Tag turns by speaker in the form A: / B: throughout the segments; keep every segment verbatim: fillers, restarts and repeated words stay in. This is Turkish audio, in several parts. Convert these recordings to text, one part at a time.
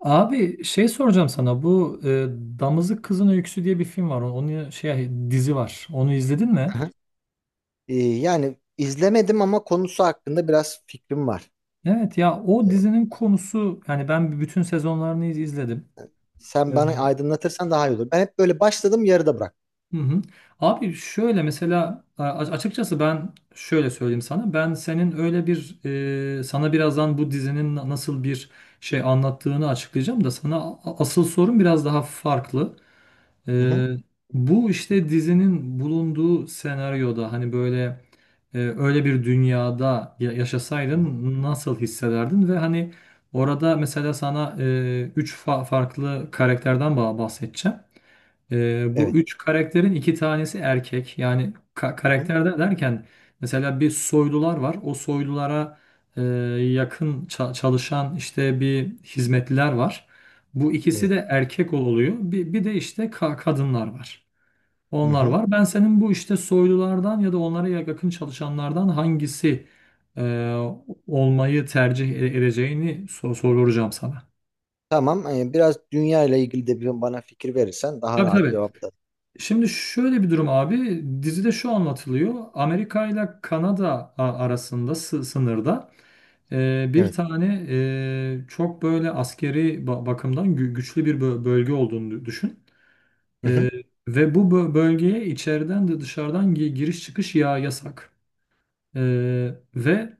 A: Abi şey soracağım sana bu e, Damızlık Kızın Öyküsü diye bir film var. Onun şey dizi var. Onu izledin mi?
B: Aha. Ee, yani izlemedim ama konusu hakkında biraz fikrim var.
A: Evet ya o
B: Ee,
A: dizinin konusu, yani ben bütün sezonlarını iz- izledim.
B: Sen
A: Ee,
B: bana aydınlatırsan daha iyi olur. Ben hep böyle başladım, yarıda bıraktım.
A: Hı hı. Abi şöyle mesela a- açıkçası ben şöyle söyleyeyim sana. Ben senin öyle bir e, sana birazdan bu dizinin na- nasıl bir şey anlattığını açıklayacağım da sana a- asıl sorun biraz daha farklı.
B: Hı hı.
A: Ee, bu işte dizinin bulunduğu senaryoda, hani böyle Ee, öyle bir dünyada ya-
B: Aha.
A: yaşasaydın nasıl hissederdin? Ve hani orada mesela sana e, üç fa- farklı karakterden ba- bahsedeceğim. Ee, bu
B: Evet.
A: üç karakterin iki tanesi erkek. Yani ka
B: Aha.
A: karakter de derken mesela bir soylular var. O soylulara e, yakın ça- çalışan işte bir hizmetliler var. Bu ikisi
B: Evet.
A: de erkek oluyor. Bir, bir de işte ka- kadınlar var.
B: Hı
A: Onlar
B: hı.
A: var. Ben senin bu işte soylulardan ya da onlara yakın çalışanlardan hangisi e, olmayı tercih e- edeceğini sor- soracağım sana.
B: Tamam. Ee, biraz dünya ile ilgili de bir bana fikir verirsen daha
A: Tabii
B: rahat
A: tabii.
B: cevaplarım.
A: Şimdi şöyle bir durum abi. Dizide şu anlatılıyor. Amerika ile Kanada a- arasında, sı- sınırda, e, bir
B: Evet.
A: tane e, çok böyle askeri ba- bakımdan gü- güçlü bir bö- bölge olduğunu düşün.
B: Hı hı.
A: E, ve bu bö- bölgeye içeriden de dışarıdan gi- giriş çıkış ya yasak. Ee, ve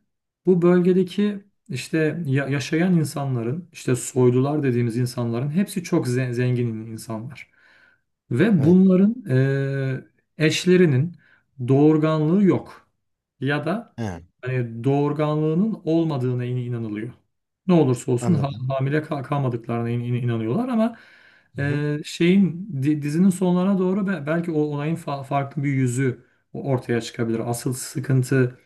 A: bu bölgedeki işte ya- yaşayan insanların, işte soylular dediğimiz insanların hepsi çok ze- zengin insanlar. Ve
B: Evet.
A: bunların e, eşlerinin doğurganlığı yok. Ya da
B: He,
A: hani doğurganlığının olmadığına in- inanılıyor. Ne olursa olsun ha-
B: anladım.
A: hamile kal- kalmadıklarına in- in- inanıyorlar ama
B: Hı hı.
A: e, şeyin, di- dizinin sonlarına doğru be- belki o olayın fa- farklı bir yüzü ortaya çıkabilir. Asıl sıkıntı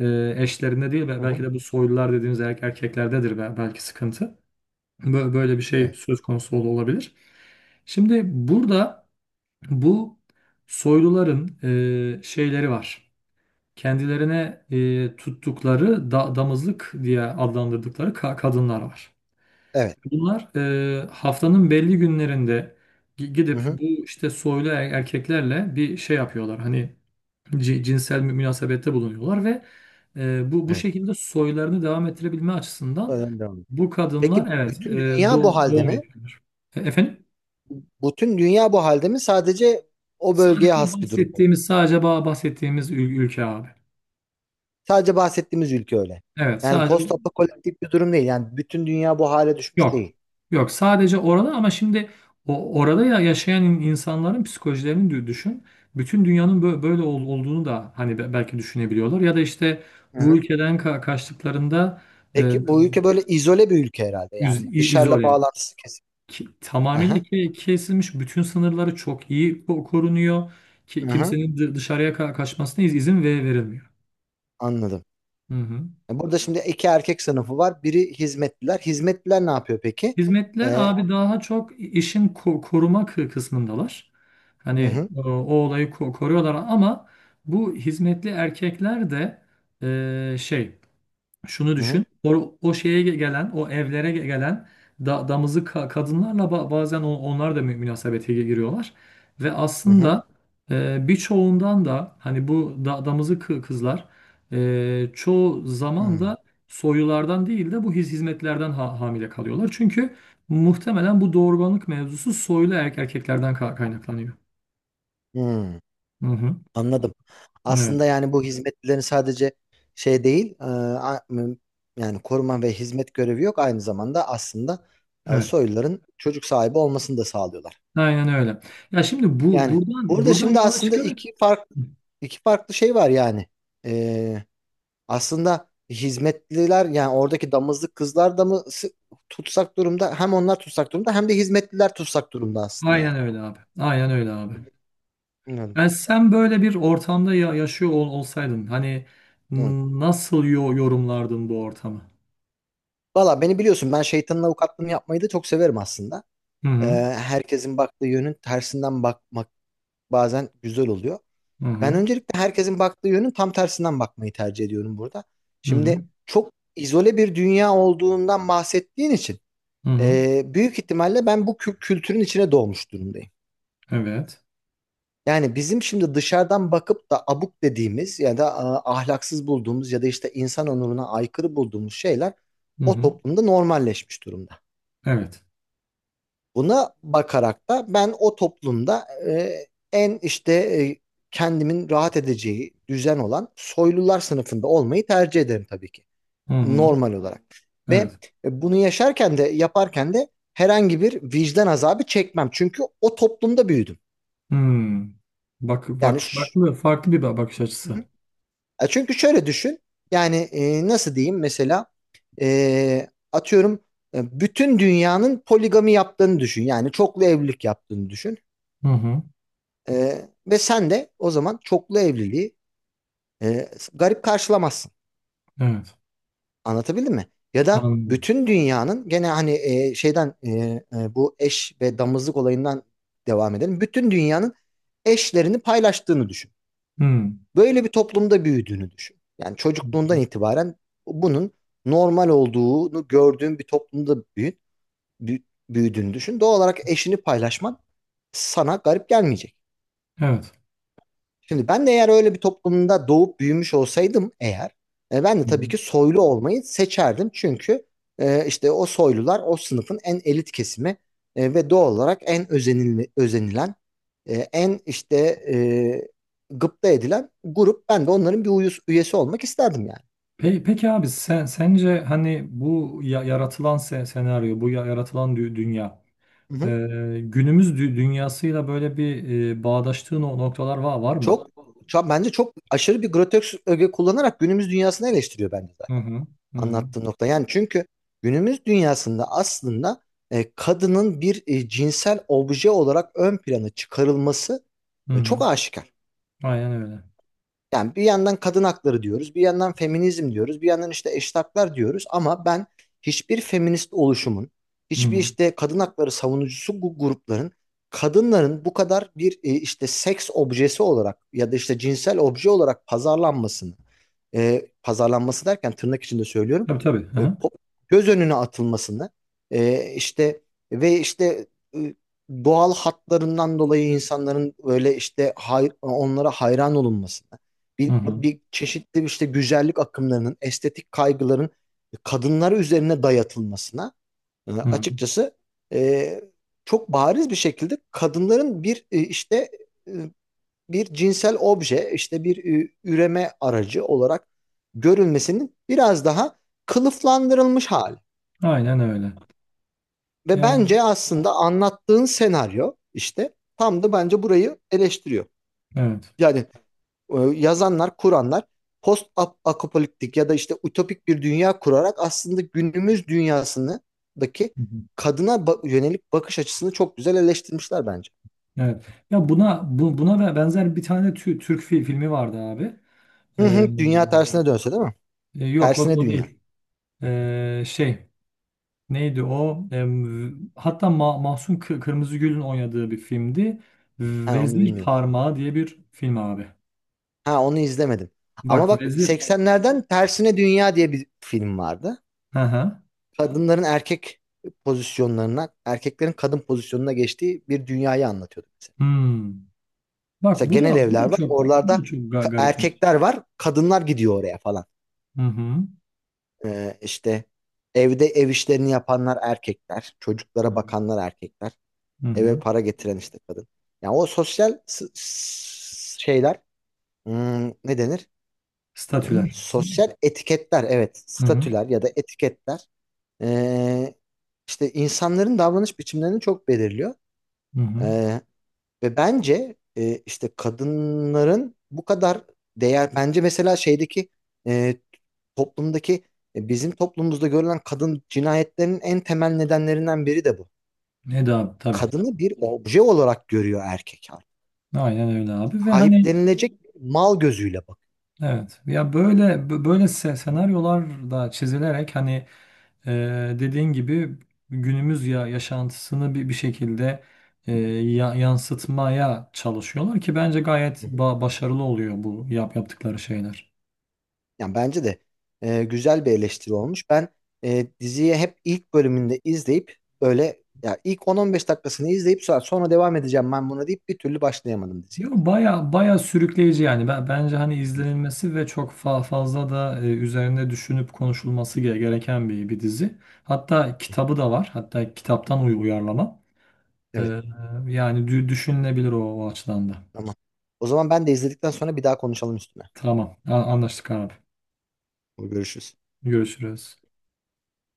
A: e, eşlerinde değil, ve
B: Hı
A: belki
B: hı.
A: de bu soylular dediğimiz er- erkeklerdedir be- belki sıkıntı. Bö- Böyle bir şey
B: Evet.
A: söz konusu ol- olabilir. Şimdi burada bu soyluların e, şeyleri var. Kendilerine e, tuttukları da- damızlık diye adlandırdıkları ka- kadınlar var.
B: Evet.
A: Bunlar e, haftanın belli günlerinde gi-
B: Hı
A: gidip
B: hı.
A: bu işte soylu er- erkeklerle bir şey yapıyorlar. Hani ci- cinsel mü- münasebette bulunuyorlar ve e, bu bu
B: Evet.
A: şekilde soylarını devam ettirebilme açısından
B: Oradan devam edelim.
A: bu kadınlar,
B: Peki,
A: evet,
B: bütün
A: e,
B: dünya bu
A: doğ-
B: halde
A: doğum
B: mi?
A: yapıyorlar. E, efendim?
B: Bütün dünya bu halde mi? Sadece o bölgeye
A: Sadece
B: has bir durum mu?
A: bahsettiğimiz sadece ba- bahsettiğimiz ül- ülke abi.
B: Sadece bahsettiğimiz ülke öyle.
A: Evet,
B: Yani
A: sadece
B: postapokaliptik bir durum değil. Yani bütün dünya bu hale düşmüş
A: yok.
B: değil.
A: Yok, sadece orada. Ama şimdi o orada ya yaşayan in- insanların psikolojilerini dü- düşün. Bütün dünyanın bö- böyle ol- olduğunu da hani be- belki düşünebiliyorlar, ya da işte
B: Hı
A: bu
B: hı.
A: ülkeden ka- kaçtıklarında e,
B: Peki, bu ülke böyle izole bir ülke herhalde.
A: iz-
B: Yani
A: i-
B: dışarıla
A: izole
B: bağlantısı kesin.
A: Ki, tamamıyla
B: Aha,
A: ke- kesilmiş, bütün sınırları çok iyi ko- korunuyor. Ki,
B: aha,
A: kimsenin dı- dışarıya ka- kaçmasına iz- izin ve verilmiyor.
B: anladım.
A: Hı hı.
B: Yani burada şimdi iki erkek sınıfı var. Biri hizmetliler. Hizmetliler ne yapıyor peki?
A: Hizmetler
B: Ee,
A: abi daha çok işin ko- koruma kı- kısmındalar.
B: hı
A: Hani
B: hı,
A: o, o olayı ko- koruyorlar, ama bu hizmetli erkekler de e, şey Şunu
B: hı hı,
A: düşün. O, o şeye gelen, o evlere gelen da, damızı ka- kadınlarla ba- bazen on- onlar da mü- münasebete gi- giriyorlar. Ve
B: hı hı,
A: aslında e, birçoğundan da hani bu da, damızı kı- kızlar e, çoğu zaman da soylulardan değil de bu hiz- hizmetlerden ha- hamile kalıyorlar. Çünkü muhtemelen bu doğurganlık mevzusu soylu er- erkeklerden ka- kaynaklanıyor.
B: hı hı.
A: Hı hı.
B: Anladım.
A: Evet.
B: Aslında yani bu hizmetlilerin sadece şey değil, e, a- m- yani koruma ve hizmet görevi yok. Aynı zamanda aslında e,
A: Evet.
B: soyluların çocuk sahibi olmasını da sağlıyorlar.
A: Aynen öyle. Ya şimdi bu
B: Yani
A: buradan
B: burada
A: buradan
B: şimdi
A: yola
B: aslında
A: çıkarak
B: iki farklı iki farklı şey var yani. E, Aslında hizmetliler, yani oradaki damızlık kızlar da mı sı- tutsak durumda? Hem onlar tutsak durumda, hem de hizmetliler tutsak durumda aslında yani.
A: Aynen öyle abi. Aynen öyle abi.
B: Anladım.
A: Yani sen böyle bir ortamda ya- yaşıyor ol- olsaydın, hani
B: Evet.
A: n- nasıl yo- yorumlardın bu ortamı?
B: Valla, beni biliyorsun, ben şeytanın avukatlığını yapmayı da çok severim aslında.
A: Hı
B: Ee,
A: hı.
B: Herkesin baktığı yönün tersinden bakmak bazen güzel oluyor.
A: Hı
B: Ben
A: hı.
B: öncelikle herkesin baktığı yönün tam tersinden bakmayı tercih ediyorum burada.
A: Hı hı.
B: Şimdi çok izole bir dünya olduğundan bahsettiğin için
A: Hı hı.
B: e, büyük ihtimalle ben bu kü- kültürün içine doğmuş durumdayım.
A: Evet.
B: Yani bizim şimdi dışarıdan bakıp da abuk dediğimiz ya da e, ahlaksız bulduğumuz ya da işte insan onuruna aykırı bulduğumuz şeyler
A: Hı
B: o
A: hı.
B: toplumda normalleşmiş durumda.
A: Evet.
B: Buna bakarak da ben o toplumda e, en işte e, kendimin rahat edeceği düzen olan soylular sınıfında olmayı tercih ederim tabii ki.
A: Hı hı.
B: Normal olarak. Ve
A: Evet.
B: e, bunu yaşarken de, yaparken de herhangi bir vicdan azabı çekmem. Çünkü o toplumda büyüdüm.
A: Hmm. Bak
B: Yani
A: bak,
B: ş-
A: farklı farklı bir ba- bakış
B: Hı
A: açısı.
B: hı. E, çünkü şöyle düşün. Yani e, nasıl diyeyim, mesela e, atıyorum, e, bütün dünyanın poligami yaptığını düşün. Yani çoklu evlilik yaptığını düşün.
A: Hı hı.
B: Ee, ve sen de o zaman çoklu evliliği e, garip karşılamazsın.
A: Evet.
B: Anlatabildim mi? Ya da
A: Anladım.
B: bütün dünyanın gene hani e, şeyden e, e, bu eş ve damızlık olayından devam edelim. Bütün dünyanın eşlerini paylaştığını düşün.
A: Hı. Hı
B: Böyle bir toplumda büyüdüğünü düşün. Yani çocukluğundan
A: hı.
B: itibaren bunun normal olduğunu gördüğün bir toplumda büyü, büyü- büyüdüğünü düşün. Doğal olarak eşini paylaşman sana garip gelmeyecek.
A: Evet.
B: Şimdi ben de eğer öyle bir toplumda doğup büyümüş olsaydım eğer, e, ben de
A: Hı
B: tabii
A: hı.
B: ki soylu olmayı seçerdim. Çünkü e, işte o soylular o sınıfın en elit kesimi, e, ve doğal olarak en özenil özenilen, e, en işte e, gıpta edilen grup. Ben de onların bir uyus- üyesi olmak isterdim yani.
A: Pe- Peki abi, sen sence hani bu ya- yaratılan se- senaryo, bu ya- yaratılan dü- dünya
B: Hı hı.
A: Ee, günümüz dü- dünyasıyla böyle bir e, bağdaştığı no- noktalar var, var mı?
B: Çok, çok bence çok aşırı bir grotesk öge kullanarak günümüz dünyasını eleştiriyor bence
A: Hı hı. Hı hı.
B: anlattığın nokta. Yani çünkü günümüz dünyasında aslında e, kadının bir e, cinsel obje olarak ön plana çıkarılması
A: Hı
B: e, çok
A: hı.
B: aşikar.
A: Aynen öyle.
B: Yani bir yandan kadın hakları diyoruz, bir yandan feminizm diyoruz, bir yandan işte eşit haklar diyoruz, ama ben hiçbir feminist oluşumun,
A: Hı
B: hiçbir
A: hı.
B: işte kadın hakları savunucusu bu grupların kadınların bu kadar bir e, işte seks objesi olarak ya da işte cinsel obje olarak pazarlanmasını, e, pazarlanması derken tırnak içinde söylüyorum.
A: Tabii tabii. Hı
B: E,
A: hı.
B: pop- Göz önüne atılmasını, e, işte ve işte e, doğal hatlarından dolayı insanların böyle işte hay- onlara hayran olunmasını,
A: Hı
B: bir,
A: hı.
B: bir çeşitli işte güzellik akımlarının estetik kaygıların kadınlara üzerine dayatılmasına, e,
A: Hı hı.
B: açıkçası e, çok bariz bir şekilde kadınların bir e, işte e, bir cinsel obje, işte bir e, üreme aracı olarak görülmesinin biraz daha kılıflandırılmış hali.
A: Aynen öyle.
B: Ve
A: Yani
B: bence aslında anlattığın senaryo işte tam da bence burayı eleştiriyor.
A: evet.
B: Yani e, yazanlar, kuranlar post apokaliptik ya da işte ütopik bir dünya kurarak aslında günümüz dünyasındaki
A: Hı hı.
B: kadına yönelik bakış açısını çok güzel eleştirmişler bence.
A: Evet. Ya buna bu, buna ve- benzer bir tane tü- Türk fi- filmi vardı abi.
B: Hı
A: Ee,
B: hı, dünya tersine dönse, değil mi?
A: e, yok, o,
B: Tersine
A: o
B: dünya.
A: değil. Ee, şey neydi o? Em, hatta Ma- Mahsun Kı- Kırmızıgül'ün oynadığı bir filmdi.
B: Ha, onu
A: Vezir
B: bilmiyorum.
A: Parmağı diye bir film abi.
B: Ha, onu izlemedim. Ama
A: Bak,
B: bak,
A: vezir.
B: seksenlerden Tersine Dünya diye bir film vardı.
A: Hı hı.
B: Kadınların erkek pozisyonlarına, erkeklerin kadın pozisyonuna geçtiği bir dünyayı anlatıyordu mesela.
A: Hmm. Bak,
B: Mesela
A: bu
B: genel
A: da bu
B: evler
A: da
B: var.
A: çok bu da
B: Oralarda
A: çok ga-
B: ka-
A: garipmiş.
B: erkekler var. Kadınlar gidiyor oraya falan.
A: Hı hı.
B: Ee, işte evde ev işlerini yapanlar erkekler.
A: Hı
B: Çocuklara
A: hı.
B: bakanlar erkekler.
A: Hı
B: Eve
A: hı.
B: para getiren işte kadın. Yani o sosyal s- s- şeyler, hmm, ne denir? E,
A: Statüler.
B: Sosyal etiketler, evet,
A: Hı hı.
B: statüler ya da etiketler e, işte insanların davranış biçimlerini çok belirliyor.
A: Hı hı.
B: E, Ve bence e, işte kadınların bu kadar değer, bence mesela şeydeki e, toplumdaki, e, bizim toplumumuzda görülen kadın cinayetlerinin en temel nedenlerinden biri de bu.
A: Ne de abi, tabii.
B: Kadını bir obje olarak görüyor erkek artık.
A: Aynen öyle abi. Ve hani
B: Sahiplenilecek mal gözüyle
A: evet, ya böyle bö- böyle se-
B: bakıyor.
A: senaryolar da çizilerek hani e, dediğin gibi günümüz ya yaşantısını bir bir şekilde e, ya- yansıtmaya çalışıyorlar ki bence gayet ba- başarılı oluyor bu yap yaptıkları şeyler.
B: Yani bence de e, güzel bir eleştiri olmuş. Ben e, diziyi hep ilk bölümünde izleyip, böyle ya ilk on on beş dakikasını izleyip, sonra, sonra devam edeceğim ben buna deyip bir türlü başlayamadım diziye.
A: Yo, baya baya sürükleyici yani. Ben, bence hani
B: Hı hı.
A: izlenilmesi ve çok fa- fazla da e, üzerine düşünüp konuşulması ge- gereken bir, bir dizi. Hatta kitabı da var. Hatta kitaptan uy- uyarlama. Ee,
B: Evet,
A: yani dü- düşünülebilir o, o açıdan da.
B: tamam. O zaman ben de izledikten sonra bir daha konuşalım üstüne.
A: Tamam. A- anlaştık abi.
B: Görüşürüz.
A: Görüşürüz.